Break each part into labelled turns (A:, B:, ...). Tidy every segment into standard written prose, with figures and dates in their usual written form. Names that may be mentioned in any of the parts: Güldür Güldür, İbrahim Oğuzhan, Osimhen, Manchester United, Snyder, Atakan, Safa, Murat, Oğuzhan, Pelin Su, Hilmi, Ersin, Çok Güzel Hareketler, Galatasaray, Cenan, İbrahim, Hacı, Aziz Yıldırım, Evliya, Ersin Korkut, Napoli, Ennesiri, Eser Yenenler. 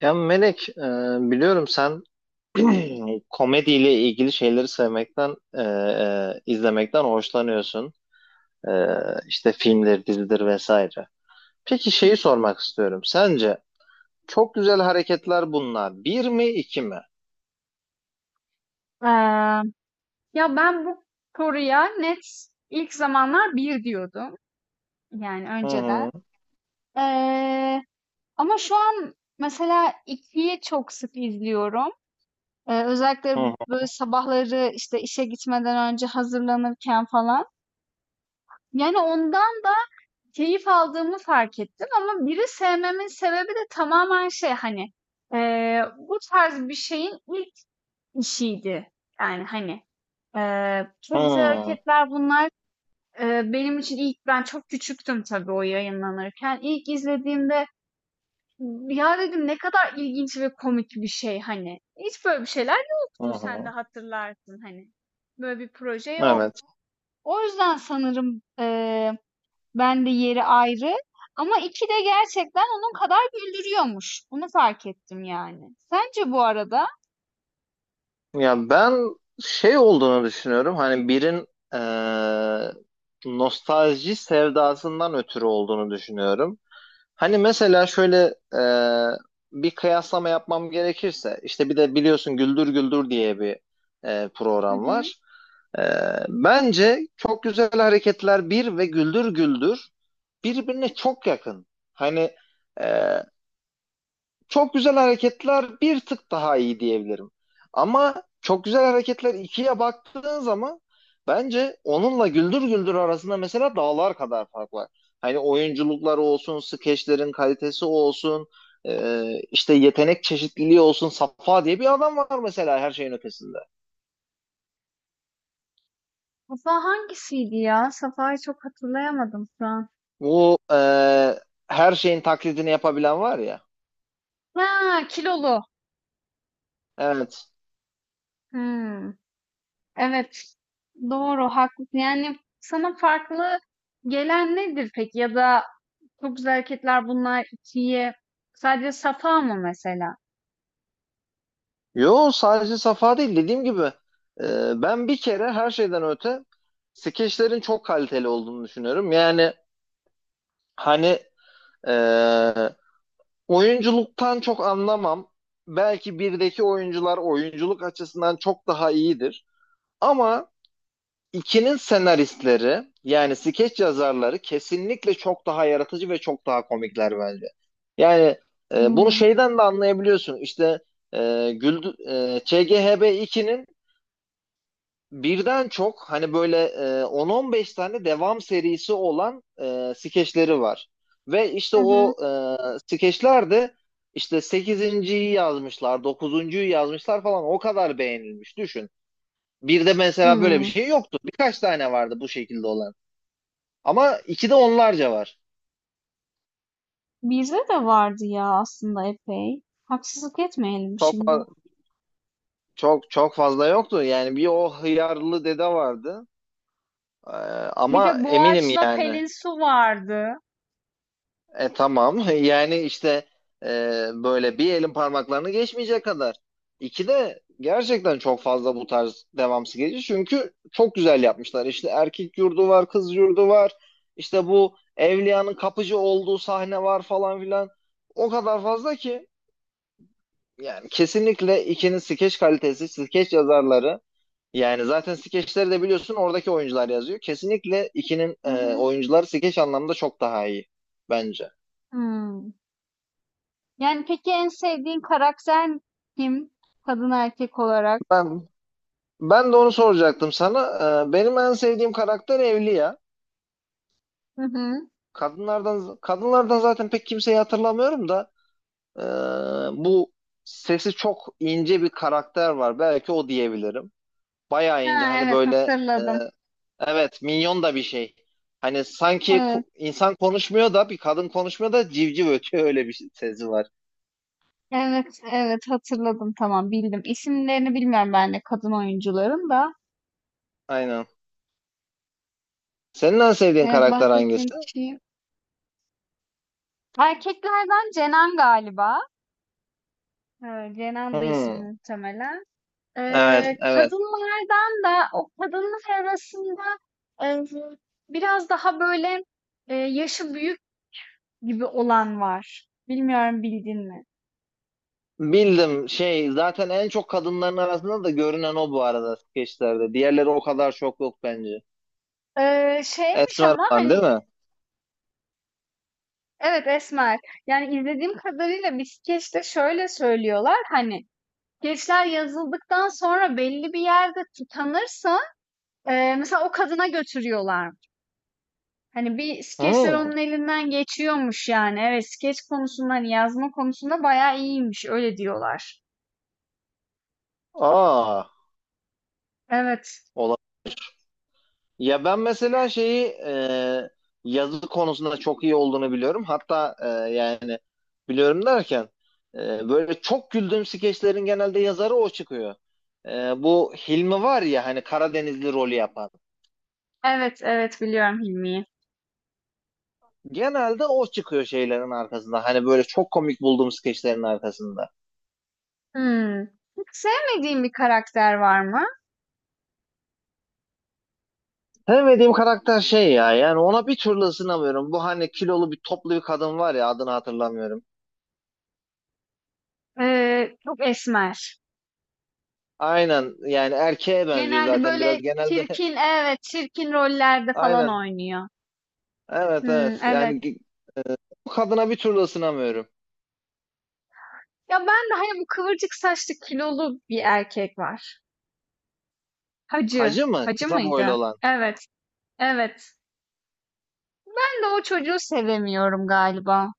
A: Ya Melek, biliyorum sen komediyle ilgili şeyleri sevmekten, izlemekten hoşlanıyorsun. E, işte filmdir, dizidir vesaire. Peki şeyi sormak istiyorum. Sence çok güzel hareketler bunlar. Bir mi, iki mi?
B: Eee, ya ben bu soruya net ilk zamanlar bir diyordum. Yani
A: Hı
B: önceden.
A: hı,
B: Eee, ama şu an mesela ikiyi çok sık izliyorum. Özellikle
A: hı
B: böyle sabahları işte işe gitmeden önce hazırlanırken falan. Yani ondan da keyif aldığımı fark ettim ama biri sevmemin sebebi de tamamen şey hani bu tarz bir şeyin ilk işiydi. Yani hani
A: hı,
B: çok güzel
A: hı
B: hareketler bunlar. Benim için ilk ben çok küçüktüm tabii o yayınlanırken. İlk izlediğimde, "Ya" dedim, "Ne kadar ilginç ve komik bir şey." hani. Hiç böyle bir şeyler
A: hı,
B: yoktu.
A: hı
B: Sen de
A: hı.
B: hatırlarsın hani. Böyle bir proje yok.
A: Evet.
B: O yüzden sanırım, ben de yeri ayrı ama iki de gerçekten onun kadar güldürüyormuş. Bunu fark ettim yani. Sence bu arada?
A: Ya ben şey olduğunu düşünüyorum. Hani birin eee, nostalji sevdasından ötürü olduğunu düşünüyorum. Hani mesela şöyle bir kıyaslama yapmam gerekirse işte bir de biliyorsun Güldür Güldür diye bir
B: Hı
A: program
B: hı.
A: var. Bence Çok Güzel Hareketler bir ve Güldür Güldür birbirine çok yakın. Hani e, çok güzel hareketler bir tık daha iyi diyebilirim. Ama çok güzel hareketler ikiye baktığın zaman bence onunla Güldür Güldür arasında mesela dağlar kadar fark var. Hani oyunculukları olsun, skeçlerin kalitesi olsun, e, işte yetenek çeşitliliği olsun. Safa diye bir adam var mesela her şeyin ötesinde.
B: Safa hangisiydi ya? Safa'yı çok hatırlayamadım şu an.
A: Bu her şeyin taklidini yapabilen var ya.
B: Ha, kilolu.
A: Evet.
B: Hmm, evet. Doğru, haklısın. Yani sana farklı gelen nedir peki? Ya da çok güzel hareketler bunlar ikiye. Sadece Safa mı mesela?
A: Yo, sadece Safa değil, dediğim gibi e, ben bir kere her şeyden öte skeçlerin çok kaliteli olduğunu düşünüyorum. Yani hani e, oyunculuktan çok anlamam. Belki birdeki oyuncular oyunculuk açısından çok daha iyidir. Ama ikinin senaristleri yani skeç yazarları kesinlikle çok daha yaratıcı ve çok daha komikler bence. Yani bunu
B: Hmm.
A: şeyden de anlayabiliyorsun. İşte ÇGHB 2'nin birden çok hani böyle 10-15 tane devam serisi olan skeçleri var. Ve işte
B: Hı hı.
A: o skeçler de işte sekizinciyi yazmışlar, dokuzuncuyu yazmışlar falan, o kadar beğenilmiş düşün. Bir de mesela böyle bir
B: Hmm.
A: şey yoktu. Birkaç tane vardı bu şekilde olan. Ama iki de onlarca var.
B: Bizde de vardı ya aslında epey. Haksızlık etmeyelim
A: Çok
B: şimdi.
A: fa- çok çok fazla yoktu. Yani bir o hıyarlı dede vardı. E,
B: Bir
A: ama
B: de
A: eminim
B: Boğaç'la
A: yani.
B: Pelin Su vardı.
A: Tamam. Yani işte e, böyle bir elin parmaklarını geçmeyecek kadar. İki de gerçekten çok fazla bu tarz devamsız geliyor. Çünkü çok güzel yapmışlar. İşte erkek yurdu var, kız yurdu var. İşte bu Evliya'nın kapıcı olduğu sahne var falan filan. O kadar fazla ki. Yani kesinlikle ikinin skeç kalitesi, skeç yazarları. Yani zaten skeçleri de biliyorsun oradaki oyuncular yazıyor. Kesinlikle ikinin
B: Hı hı.
A: oyuncuları skeç anlamında çok daha iyi bence.
B: Hmm. Yani peki en sevdiğin karakter kim? Kadın erkek olarak.
A: Ben Ben de onu soracaktım sana. Benim en sevdiğim karakter Evliya.
B: Hı hı.
A: Kadınlardan zaten pek kimseyi hatırlamıyorum da ee, bu sesi çok ince bir karakter var. Belki o diyebilirim. Bayağı ince
B: Ha,
A: hani
B: evet
A: böyle, ee,
B: hatırladım.
A: evet, minyon da bir şey. Hani sanki
B: Evet,
A: insan konuşmuyor da, bir kadın konuşmuyor da civciv ötüyor, öyle bir sesi var.
B: evet, evet hatırladım. Tamam bildim. İsimlerini bilmiyorum ben de kadın oyuncuların da.
A: Aynen. Senin en sevdiğin
B: Evet
A: karakter
B: bahsettiğin
A: hangisi?
B: kişiyi. Erkeklerden Cenan galiba. Evet, Cenan'dı ismi
A: Hmm,
B: muhtemelen.
A: evet, evet.
B: Kadınlardan da o kadınlar arasında e, biraz daha böyle yaşı büyük gibi olan var. Bilmiyorum bildin mi?
A: Bildim. Şey zaten en çok kadınların arasında da görünen o bu arada skeçlerde. Diğerleri o kadar çok yok bence.
B: Şeymiş
A: Esmer
B: ama,
A: falan değil
B: hani,
A: mi?
B: evet, esmer. Yani, izlediğim kadarıyla bir skeçte şöyle söylüyorlar, hani, skeçler yazıldıktan sonra belli bir yerde tutanırsa mesela o kadına götürüyorlar. Hani, bir skeçler
A: Hmm.
B: onun elinden geçiyormuş yani. Evet, skeç konusunda, hani, yazma konusunda bayağı iyiymiş, öyle diyorlar.
A: Aa,
B: Evet.
A: ola. Ya ben mesela şeyi, yazı konusunda çok iyi olduğunu biliyorum. Hatta yani biliyorum derken böyle çok güldüğüm skeçlerin genelde yazarı o çıkıyor. Bu Hilmi var ya hani, Karadenizli rolü yapan.
B: Evet, evet, biliyorum Hilmi'yi.
A: Genelde o çıkıyor şeylerin arkasında. Hani böyle çok komik bulduğum skeçlerin arkasında.
B: Hımm. Hiç sevmediğin bir karakter var mı?
A: Sevmediğim karakter şey ya, yani ona bir türlü ısınamıyorum. Bu hani kilolu bir, toplu bir kadın var ya, adını hatırlamıyorum.
B: Çok esmer.
A: Aynen, yani erkeğe benziyor
B: Genelde
A: zaten biraz
B: böyle
A: genelde.
B: çirkin, evet, çirkin rollerde falan
A: Aynen,
B: oynuyor.
A: evet,
B: Hımm,
A: evet,
B: evet.
A: yani bu kadına bir türlü ısınamıyorum.
B: Ya ben de hani bu kıvırcık saçlı kilolu bir erkek var. Hacı.
A: Hacı mı?
B: Hacı
A: Kısa boylu
B: mıydı?
A: olan.
B: Evet, evet. Ben de o çocuğu sevemiyorum galiba.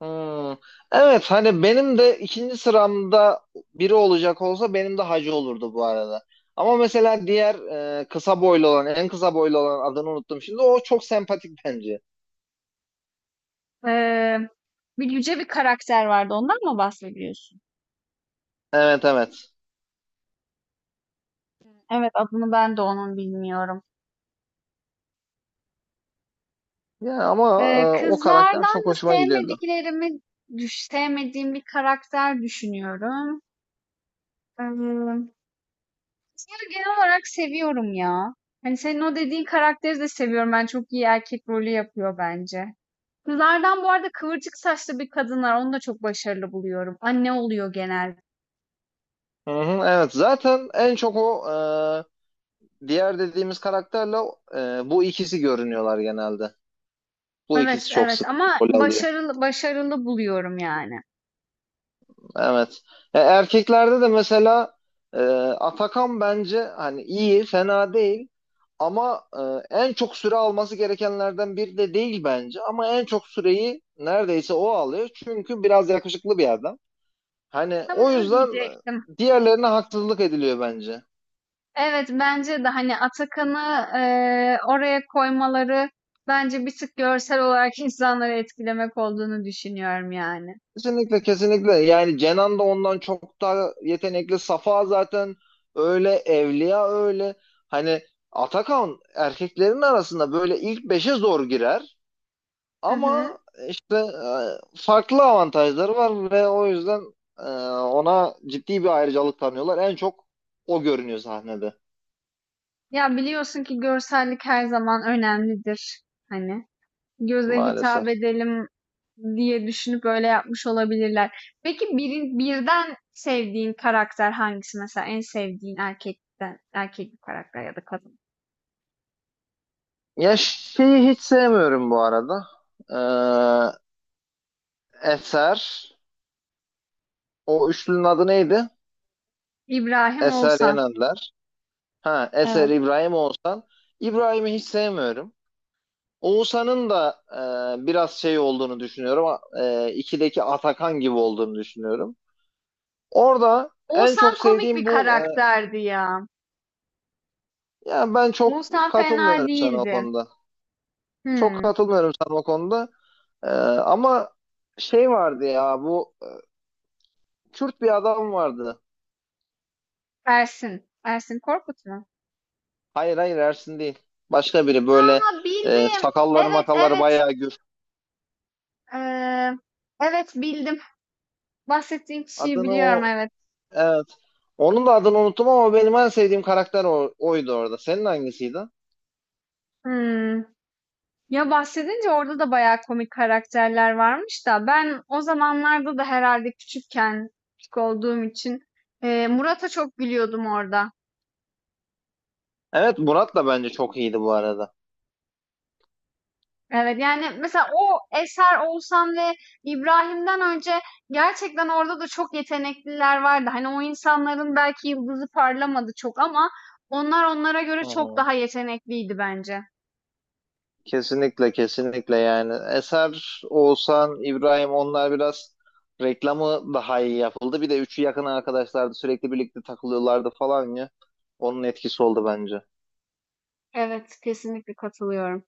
A: Hmm. Evet, hani benim de ikinci sıramda biri olacak olsa benim de hacı olurdu bu arada. Ama mesela diğer kısa boylu olan, en kısa boylu olan, adını unuttum şimdi, o çok sempatik bence.
B: Eee, bir yüce bir karakter vardı. Ondan mı bahsediyorsun?
A: Evet, evet.
B: Evet, adını ben de onun bilmiyorum.
A: Yani ama o karakter çok
B: Kızlardan da
A: hoşuma gidiyordu.
B: sevmediklerimi, sevmediğim bir karakter düşünüyorum. Ee, Seni genel olarak seviyorum ya. Hani senin o dediğin karakteri de seviyorum. Ben çok iyi erkek rolü yapıyor bence. Kızlardan bu arada kıvırcık saçlı bir kadın var. Onu da çok başarılı buluyorum. Anne oluyor genelde.
A: Hı hı, evet, zaten en çok o diğer dediğimiz karakterle bu ikisi görünüyorlar genelde. Bu
B: Evet,
A: ikisi çok
B: evet
A: sık
B: ama
A: rol alıyor.
B: başarılı başarılı buluyorum yani.
A: Evet. Erkeklerde de mesela Atakan bence hani iyi, fena değil. Ama en çok süre alması gerekenlerden biri de değil bence. Ama en çok süreyi neredeyse o alıyor. Çünkü biraz yakışıklı bir adam. Hani
B: Tam
A: o
B: onu
A: yüzden
B: diyecektim.
A: diğerlerine haksızlık ediliyor bence.
B: Evet bence de hani Atakan'ı oraya koymaları bence bir tık görsel olarak insanları etkilemek olduğunu düşünüyorum yani.
A: Kesinlikle, kesinlikle. Yani Cenan da ondan çok daha yetenekli, Safa zaten öyle, Evliya öyle. Hani Atakan erkeklerin arasında böyle ilk beşe zor girer,
B: Hı hı.
A: ama işte farklı avantajları var ve o yüzden e, ona ciddi bir ayrıcalık tanıyorlar, en çok o görünüyor sahnede
B: Ya biliyorsun ki görsellik her zaman önemlidir. Hani göze
A: maalesef.
B: hitap edelim diye düşünüp öyle yapmış olabilirler. Peki birin, birden sevdiğin karakter hangisi? Mesela en sevdiğin erkekten, erkek bir karakter ya da kadın.
A: Ya şeyi hiç sevmiyorum bu arada. Ee, Eser, o üçlünün adı neydi?
B: İbrahim
A: Eser
B: Oğuzhan.
A: Yenenler. Ha, Eser,
B: Evet.
A: İbrahim, Oğuzhan. İbrahim'i hiç sevmiyorum. Oğuzhan'ın da biraz şey olduğunu düşünüyorum. E, ikideki Atakan gibi olduğunu düşünüyorum. Orada en
B: Oğuzhan
A: çok
B: komik bir
A: sevdiğim bu.
B: karakterdi ya.
A: Yani ben çok
B: Oğuzhan fena
A: katılmıyorum sana o
B: değildi.
A: konuda. Çok
B: Hmm.
A: katılmıyorum sana o konuda. E, ama şey vardı ya, bu Kürt bir adam vardı.
B: Ersin. Ersin Korkut mu?
A: Hayır, hayır, Ersin değil. Başka biri, böyle
B: Ha bildim.
A: sakalları
B: Evet
A: makalları
B: evet.
A: bayağı gür.
B: Ee, evet bildim. Bahsettiğin kişiyi
A: Adını
B: biliyorum,
A: o.
B: evet.
A: Evet. Onun da adını unuttum ama benim en sevdiğim karakter oydu orada. Senin hangisiydi?
B: Hımm. Ya, bahsedince orada da bayağı komik karakterler varmış da ben o zamanlarda da herhalde küçükken, küçük olduğum için, Murat'a çok gülüyordum orada.
A: Evet, Murat da bence çok iyiydi bu arada.
B: Evet, yani, mesela o eser Oğuzhan ve İbrahim'den önce gerçekten orada da çok yetenekliler vardı. Hani, o insanların belki yıldızı parlamadı çok ama onlar onlara göre
A: Hı
B: çok
A: hı.
B: daha yetenekliydi bence.
A: Kesinlikle, kesinlikle. Yani Eser, Oğuzhan, İbrahim, onlar biraz reklamı daha iyi yapıldı. Bir de üçü yakın arkadaşlardı, sürekli birlikte takılıyorlardı falan ya. Onun etkisi oldu bence.
B: Evet, kesinlikle katılıyorum.